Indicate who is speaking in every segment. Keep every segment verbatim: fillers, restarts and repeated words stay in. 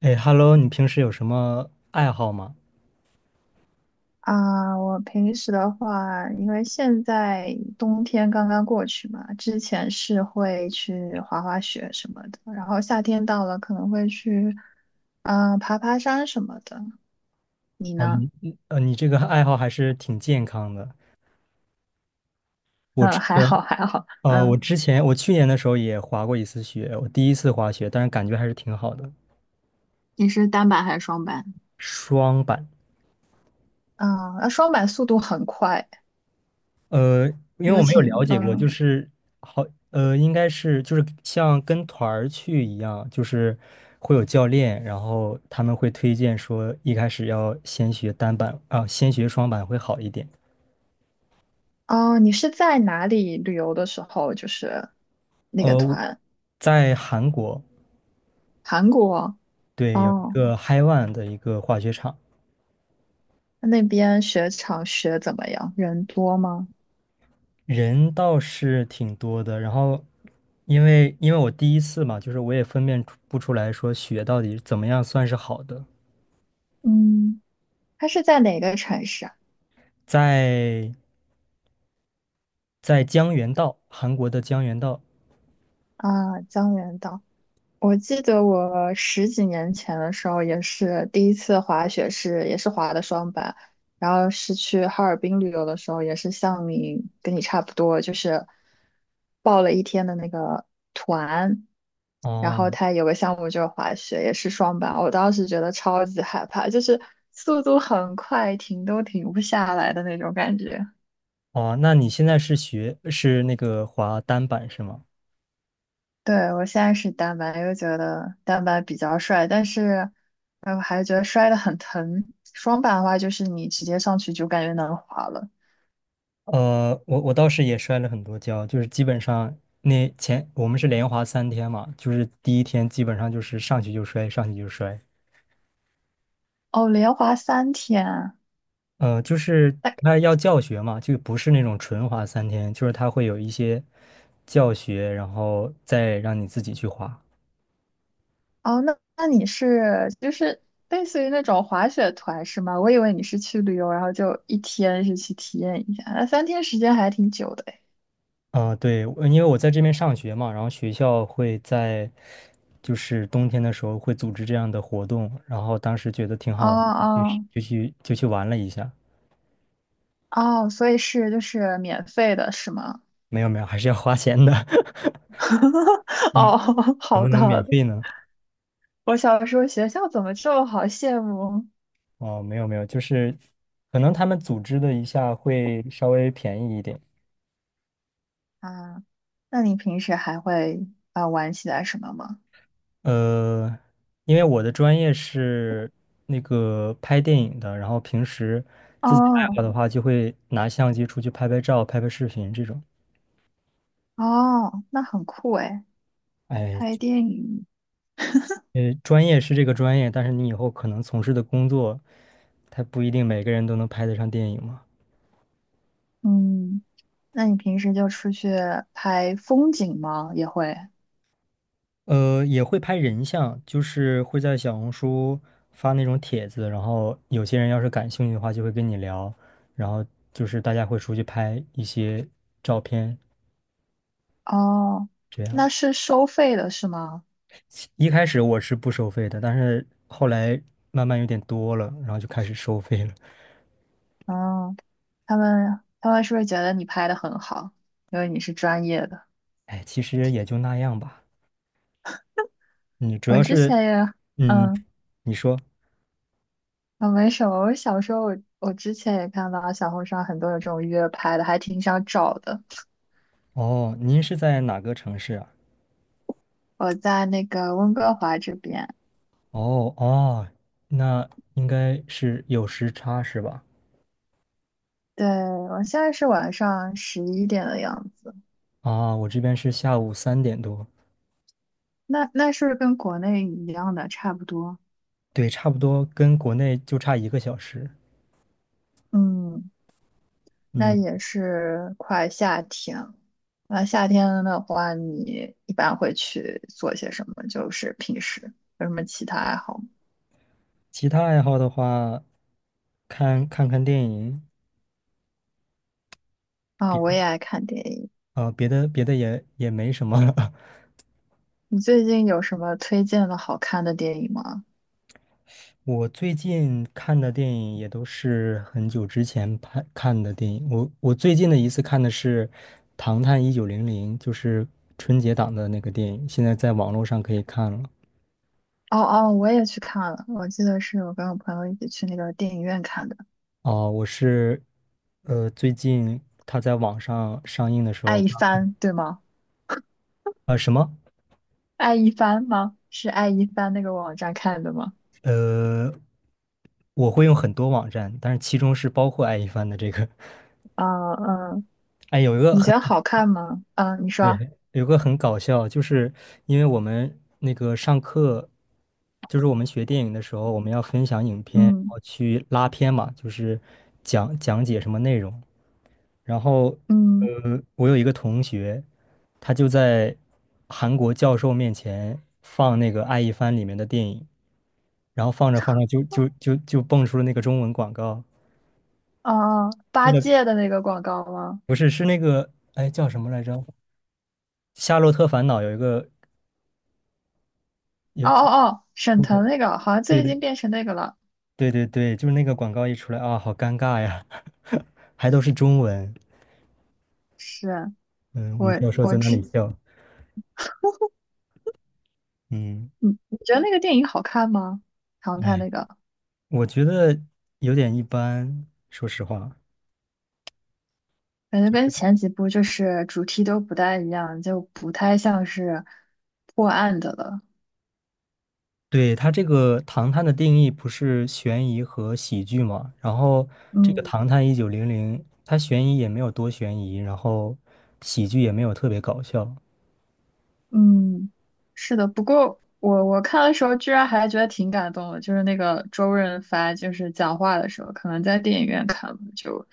Speaker 1: 哎，Hello，你平时有什么爱好吗？
Speaker 2: 啊，我平时的话，因为现在冬天刚刚过去嘛，之前是会去滑滑雪什么的，然后夏天到了可能会去，嗯、爬爬山什么的。你
Speaker 1: 哦，
Speaker 2: 呢？
Speaker 1: 你你呃，你这个爱好还是挺健康的。我之
Speaker 2: 嗯，还
Speaker 1: 前
Speaker 2: 好还好，
Speaker 1: 呃，我
Speaker 2: 嗯，
Speaker 1: 之前我去年的时候也滑过一次雪，我第一次滑雪，但是感觉还是挺好的。
Speaker 2: 你是单板还是双板？
Speaker 1: 双板，
Speaker 2: 啊，那双板速度很快，
Speaker 1: 呃，因为我
Speaker 2: 有
Speaker 1: 没有
Speaker 2: 请，
Speaker 1: 了解过，
Speaker 2: 嗯，
Speaker 1: 就是好呃，应该是就是像跟团儿去一样，就是会有教练，然后他们会推荐说一开始要先学单板啊，先学双板会好一点。
Speaker 2: 哦，你是在哪里旅游的时候，就是那个
Speaker 1: 呃，
Speaker 2: 团，
Speaker 1: 在韩国。
Speaker 2: 韩国，
Speaker 1: 对，有一
Speaker 2: 哦，
Speaker 1: 个嗨万的一个滑雪场，
Speaker 2: 那边雪场雪怎么样？人多吗？
Speaker 1: 人倒是挺多的。然后，因为因为我第一次嘛，就是我也分辨出不出来说雪到底怎么样算是好的。
Speaker 2: 嗯，它是在哪个城市啊？
Speaker 1: 在在江原道，韩国的江原道。
Speaker 2: 啊，江原道。我记得我十几年前的时候，也是第一次滑雪是，也是滑的双板，然后是去哈尔滨旅游的时候，也是像你跟你差不多，就是报了一天的那个团，然
Speaker 1: 哦
Speaker 2: 后它有个项目就是滑雪，也是双板，我当时觉得超级害怕，就是速度很快，停都停不下来的那种感觉。
Speaker 1: 哦，那你现在是学是那个滑单板是吗？
Speaker 2: 对，我现在是单板，又觉得单板比较帅，但是，哎，我还觉得摔得很疼。双板的话，就是你直接上去就感觉能滑了。
Speaker 1: 呃，我我倒是也摔了很多跤，就是基本上那前我们是连滑三天嘛，就是第一天基本上就是上去就摔，上去就摔。
Speaker 2: 哦，连滑三天啊。
Speaker 1: 呃，就是
Speaker 2: 哎，
Speaker 1: 他要教学嘛，就不是那种纯滑三天，就是他会有一些教学，然后再让你自己去滑。
Speaker 2: 哦，那那你是就是类似于那种滑雪团是吗？我以为你是去旅游，然后就一天是去体验一下，那三天时间还挺久的哎。
Speaker 1: 啊、对，我因为我在这边上学嘛，然后学校会在就是冬天的时候会组织这样的活动，然后当时觉得挺
Speaker 2: 哦
Speaker 1: 好玩的就去
Speaker 2: 哦
Speaker 1: 就去就去玩了一下。
Speaker 2: 哦，所以是就是免费的是吗？
Speaker 1: 没有没有，还是要花钱的，
Speaker 2: 哦，
Speaker 1: 怎
Speaker 2: 好
Speaker 1: 么
Speaker 2: 的
Speaker 1: 能
Speaker 2: 好
Speaker 1: 免
Speaker 2: 的，
Speaker 1: 费呢？
Speaker 2: 我小时候学校怎么这么好羡慕
Speaker 1: 哦，没有没有，就是可能他们组织的一下会稍微便宜一点。
Speaker 2: 啊？那你平时还会啊、呃玩起来什么吗？
Speaker 1: 呃，因为我的专业是那个拍电影的，然后平时自己爱
Speaker 2: 哦
Speaker 1: 好的话，就会拿相机出去拍拍照、拍拍视频这种。
Speaker 2: 哦，那很酷诶，
Speaker 1: 哎，
Speaker 2: 拍电影。
Speaker 1: 呃，专业是这个专业，但是你以后可能从事的工作，他不一定每个人都能拍得上电影嘛。
Speaker 2: 嗯，那你平时就出去拍风景吗？也会。
Speaker 1: 呃，也会拍人像，就是会在小红书发那种帖子，然后有些人要是感兴趣的话，就会跟你聊，然后就是大家会出去拍一些照片，
Speaker 2: 哦，
Speaker 1: 这样。
Speaker 2: 那是收费的是吗？
Speaker 1: 一开始我是不收费的，但是后来慢慢有点多了，然后就开始收费了。
Speaker 2: 哦，他们他们是不是觉得你拍的很好，因为你是专业的？
Speaker 1: 哎，其实也就那样吧。嗯，主
Speaker 2: 我
Speaker 1: 要
Speaker 2: 之
Speaker 1: 是，
Speaker 2: 前也，
Speaker 1: 嗯，
Speaker 2: 嗯。
Speaker 1: 你说，
Speaker 2: 啊，没什么。我小时候我，我之前也看到小红书上很多有这种约拍的，还挺想找的。
Speaker 1: 哦，您是在哪个城市啊？
Speaker 2: 我在那个温哥华这边，
Speaker 1: 哦哦，那应该是有时差是吧？
Speaker 2: 对，我现在是晚上十一点的样子。
Speaker 1: 啊，我这边是下午三点多，
Speaker 2: 那那是不是跟国内一样的，差不多。
Speaker 1: 对，差不多跟国内就差一个小时。
Speaker 2: 嗯，那
Speaker 1: 嗯，
Speaker 2: 也是快夏天了。那夏天的话，你一般会去做些什么？就是平时有什么其他爱好吗？
Speaker 1: 其他爱好的话，看看看电影，
Speaker 2: 啊，
Speaker 1: 别
Speaker 2: 我也爱看电影。
Speaker 1: 啊、别的别的也也没什么了
Speaker 2: 你最近有什么推荐的好看的电影吗？
Speaker 1: 我最近看的电影也都是很久之前拍看的电影。我我最近的一次看的是《唐探一九零零》，就是春节档的那个电影，现在在网络上可以看了。
Speaker 2: 哦哦，我也去看了，我记得是我跟我朋友一起去那个电影院看的
Speaker 1: 哦，我是呃最近它在网上上映的时
Speaker 2: 《爱
Speaker 1: 候
Speaker 2: 一
Speaker 1: 刚看
Speaker 2: 帆》，对吗？
Speaker 1: 呃什么
Speaker 2: 《爱一帆》吗？是《爱一帆》那个网站看的吗？
Speaker 1: 呃，我会用很多网站，但是其中是包括爱一帆的这个。
Speaker 2: 啊、嗯，
Speaker 1: 哎，有一个
Speaker 2: 你
Speaker 1: 很。
Speaker 2: 觉得好看吗？嗯，你说，
Speaker 1: 对，有个很搞笑，就是因为我们那个上课，就是我们学电影的时候，我们要分享影片，然
Speaker 2: 嗯
Speaker 1: 后去拉片嘛，就是讲讲解什么内容。然后，
Speaker 2: 嗯，
Speaker 1: 呃，我有一个同学，他就在韩国教授面前放那个《爱一帆》里面的电影，然后放着放着就就就就蹦出了那个中文广告，
Speaker 2: 哦哦，
Speaker 1: 就
Speaker 2: 八
Speaker 1: 是
Speaker 2: 戒的那个广告吗？
Speaker 1: 不是是那个哎叫什么来着，《夏洛特烦恼》有一个
Speaker 2: 哦
Speaker 1: 有
Speaker 2: 哦哦，沈腾那个好像
Speaker 1: 对
Speaker 2: 最
Speaker 1: 对
Speaker 2: 近变成那个了。
Speaker 1: 对对对，就是那个广告一出来啊，好尴尬呀，还都是中文。
Speaker 2: 是，
Speaker 1: 嗯，我
Speaker 2: 我
Speaker 1: 们教授
Speaker 2: 我
Speaker 1: 在那
Speaker 2: 之，
Speaker 1: 里笑。嗯，
Speaker 2: 你你觉得那个电影好看吗？唐探
Speaker 1: 哎，
Speaker 2: 那个？
Speaker 1: 我觉得有点一般，说实话。
Speaker 2: 感觉跟前几部就是主题都不太一样，就不太像是破案的了。
Speaker 1: 对，它这个《唐探》的定义不是悬疑和喜剧嘛？然后这个
Speaker 2: 嗯
Speaker 1: 《唐探一九零零》，它悬疑也没有多悬疑，然后喜剧也没有特别搞笑。
Speaker 2: 嗯，是的。不过我我看的时候居然还觉得挺感动的，就是那个周润发就是讲话的时候，可能在电影院看吧就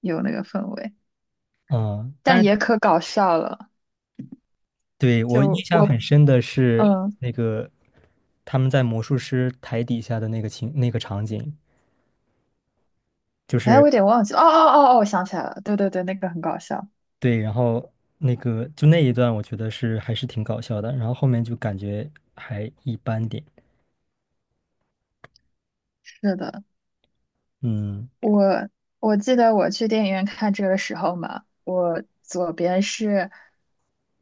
Speaker 2: 有那个氛围，
Speaker 1: 嗯，
Speaker 2: 但
Speaker 1: 但是
Speaker 2: 也可搞笑了。
Speaker 1: 对我印
Speaker 2: 就
Speaker 1: 象
Speaker 2: 我
Speaker 1: 很深的是
Speaker 2: 嗯，
Speaker 1: 那个他们在魔术师台底下的那个情那个场景，就
Speaker 2: 哎，我
Speaker 1: 是
Speaker 2: 有点忘记了哦哦哦哦，我想起来了，对对对，那个很搞笑。
Speaker 1: 对，然后那个就那一段，我觉得是还是挺搞笑的，然后后面就感觉还一般点，
Speaker 2: 是的。
Speaker 1: 嗯，
Speaker 2: 我我记得我去电影院看这个时候嘛，我左边是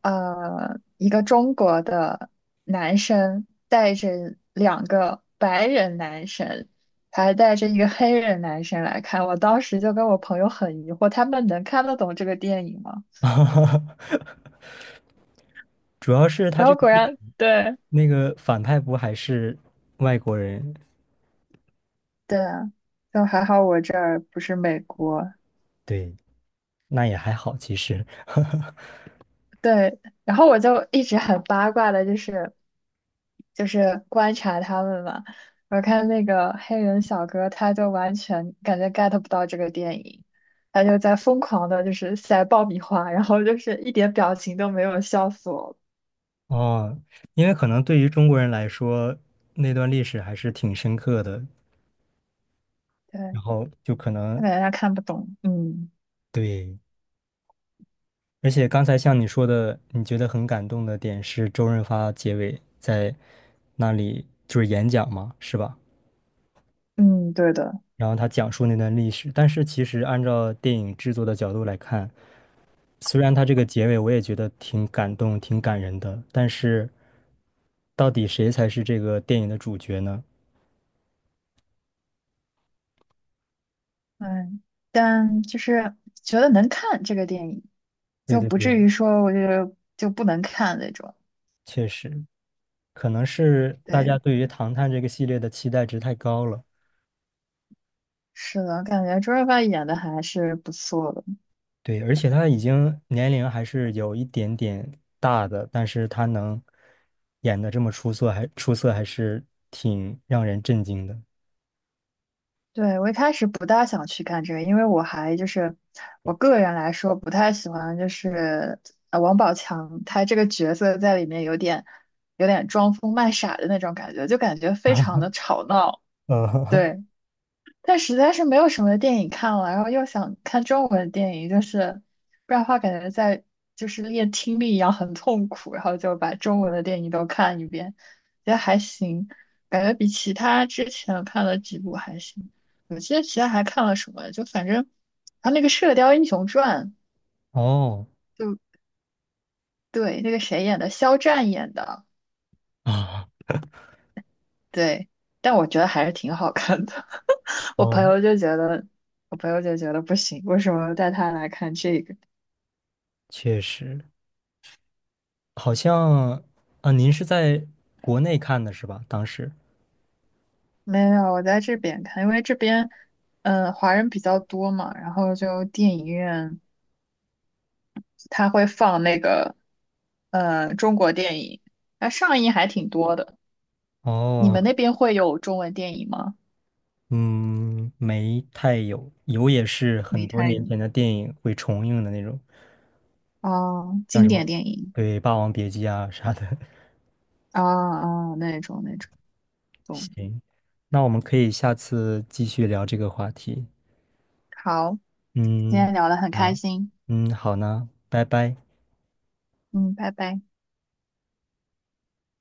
Speaker 2: 呃一个中国的男生带着两个白人男生，还带着一个黑人男生来看。我当时就跟我朋友很疑惑，他们能看得懂这个电影吗？
Speaker 1: 主要是他
Speaker 2: 然
Speaker 1: 这
Speaker 2: 后
Speaker 1: 个
Speaker 2: 果
Speaker 1: 电
Speaker 2: 然，对
Speaker 1: 那个反派不还是外国人，
Speaker 2: 对啊，就还好我这儿不是美国，
Speaker 1: 对，那也还好其实，
Speaker 2: 对，然后我就一直很八卦的，就是就是观察他们嘛。我看那个黑人小哥，他就完全感觉 get 不到这个电影，他就在疯狂的，就是塞爆米花，然后就是一点表情都没有，笑死我了。
Speaker 1: 哦，因为可能对于中国人来说，那段历史还是挺深刻的，
Speaker 2: 对，
Speaker 1: 然后就可
Speaker 2: 我
Speaker 1: 能
Speaker 2: 感觉他看不懂。嗯
Speaker 1: 对。而且刚才像你说的，你觉得很感动的点是周润发结尾在那里就是演讲嘛，是吧？
Speaker 2: 嗯，对的，
Speaker 1: 然后他讲述那段历史，但是其实按照电影制作的角度来看，虽然他这个结尾我也觉得挺感动、挺感人的，但是到底谁才是这个电影的主角呢？
Speaker 2: 嗯，但就是觉得能看这个电影，
Speaker 1: 对
Speaker 2: 就
Speaker 1: 对
Speaker 2: 不至
Speaker 1: 对，
Speaker 2: 于说我就就不能看那种。
Speaker 1: 确实，可能是大家
Speaker 2: 对。
Speaker 1: 对于《唐探》这个系列的期待值太高了。
Speaker 2: 是的，感觉周润发演的还是不错的。
Speaker 1: 对，而且他已经年龄还是有一点点大的，但是他能演的这么出色，还出色，还是挺让人震惊的。
Speaker 2: 对，我一开始不大想去看这个，因为我还就是我个人来说不太喜欢，就是呃王宝强他这个角色在里面有点有点装疯卖傻的那种感觉，就感觉非常 的吵闹。
Speaker 1: 呃，
Speaker 2: 对。但实在是没有什么电影看了，然后又想看中文电影，就是不然的话感觉在就是练听力一样很痛苦，然后就把中文的电影都看一遍，觉得还行，感觉比其他之前看了几部还行。我记得其他还看了什么，就反正他那个《射雕英雄传》
Speaker 1: 哦
Speaker 2: 就对那个谁演的，肖战演的，
Speaker 1: 啊，
Speaker 2: 对，但我觉得还是挺好看的。我朋
Speaker 1: 哦，
Speaker 2: 友就觉得，我朋友就觉得不行，为什么带他来看这个？
Speaker 1: 确实，好像啊，您是在国内看的是吧？当时
Speaker 2: 没有，我在这边看，因为这边，嗯、华人比较多嘛，然后就电影院它会放那个，呃，中国电影，那上映还挺多的。你
Speaker 1: 哦，
Speaker 2: 们那边会有中文电影吗？
Speaker 1: 嗯，没太有，有也是
Speaker 2: 没
Speaker 1: 很多
Speaker 2: 太
Speaker 1: 年
Speaker 2: 有
Speaker 1: 前的电影会重映的那种，
Speaker 2: 啊，
Speaker 1: 像
Speaker 2: 经
Speaker 1: 什么
Speaker 2: 典电影
Speaker 1: 对《霸王别姬》啊啥的。
Speaker 2: 啊啊、哦哦那种那种，懂。
Speaker 1: 行，那我们可以下次继续聊这个话题。
Speaker 2: 好，今
Speaker 1: 嗯，
Speaker 2: 天聊得很开
Speaker 1: 啊，
Speaker 2: 心，
Speaker 1: 嗯，好呢，拜拜。
Speaker 2: 嗯，拜拜。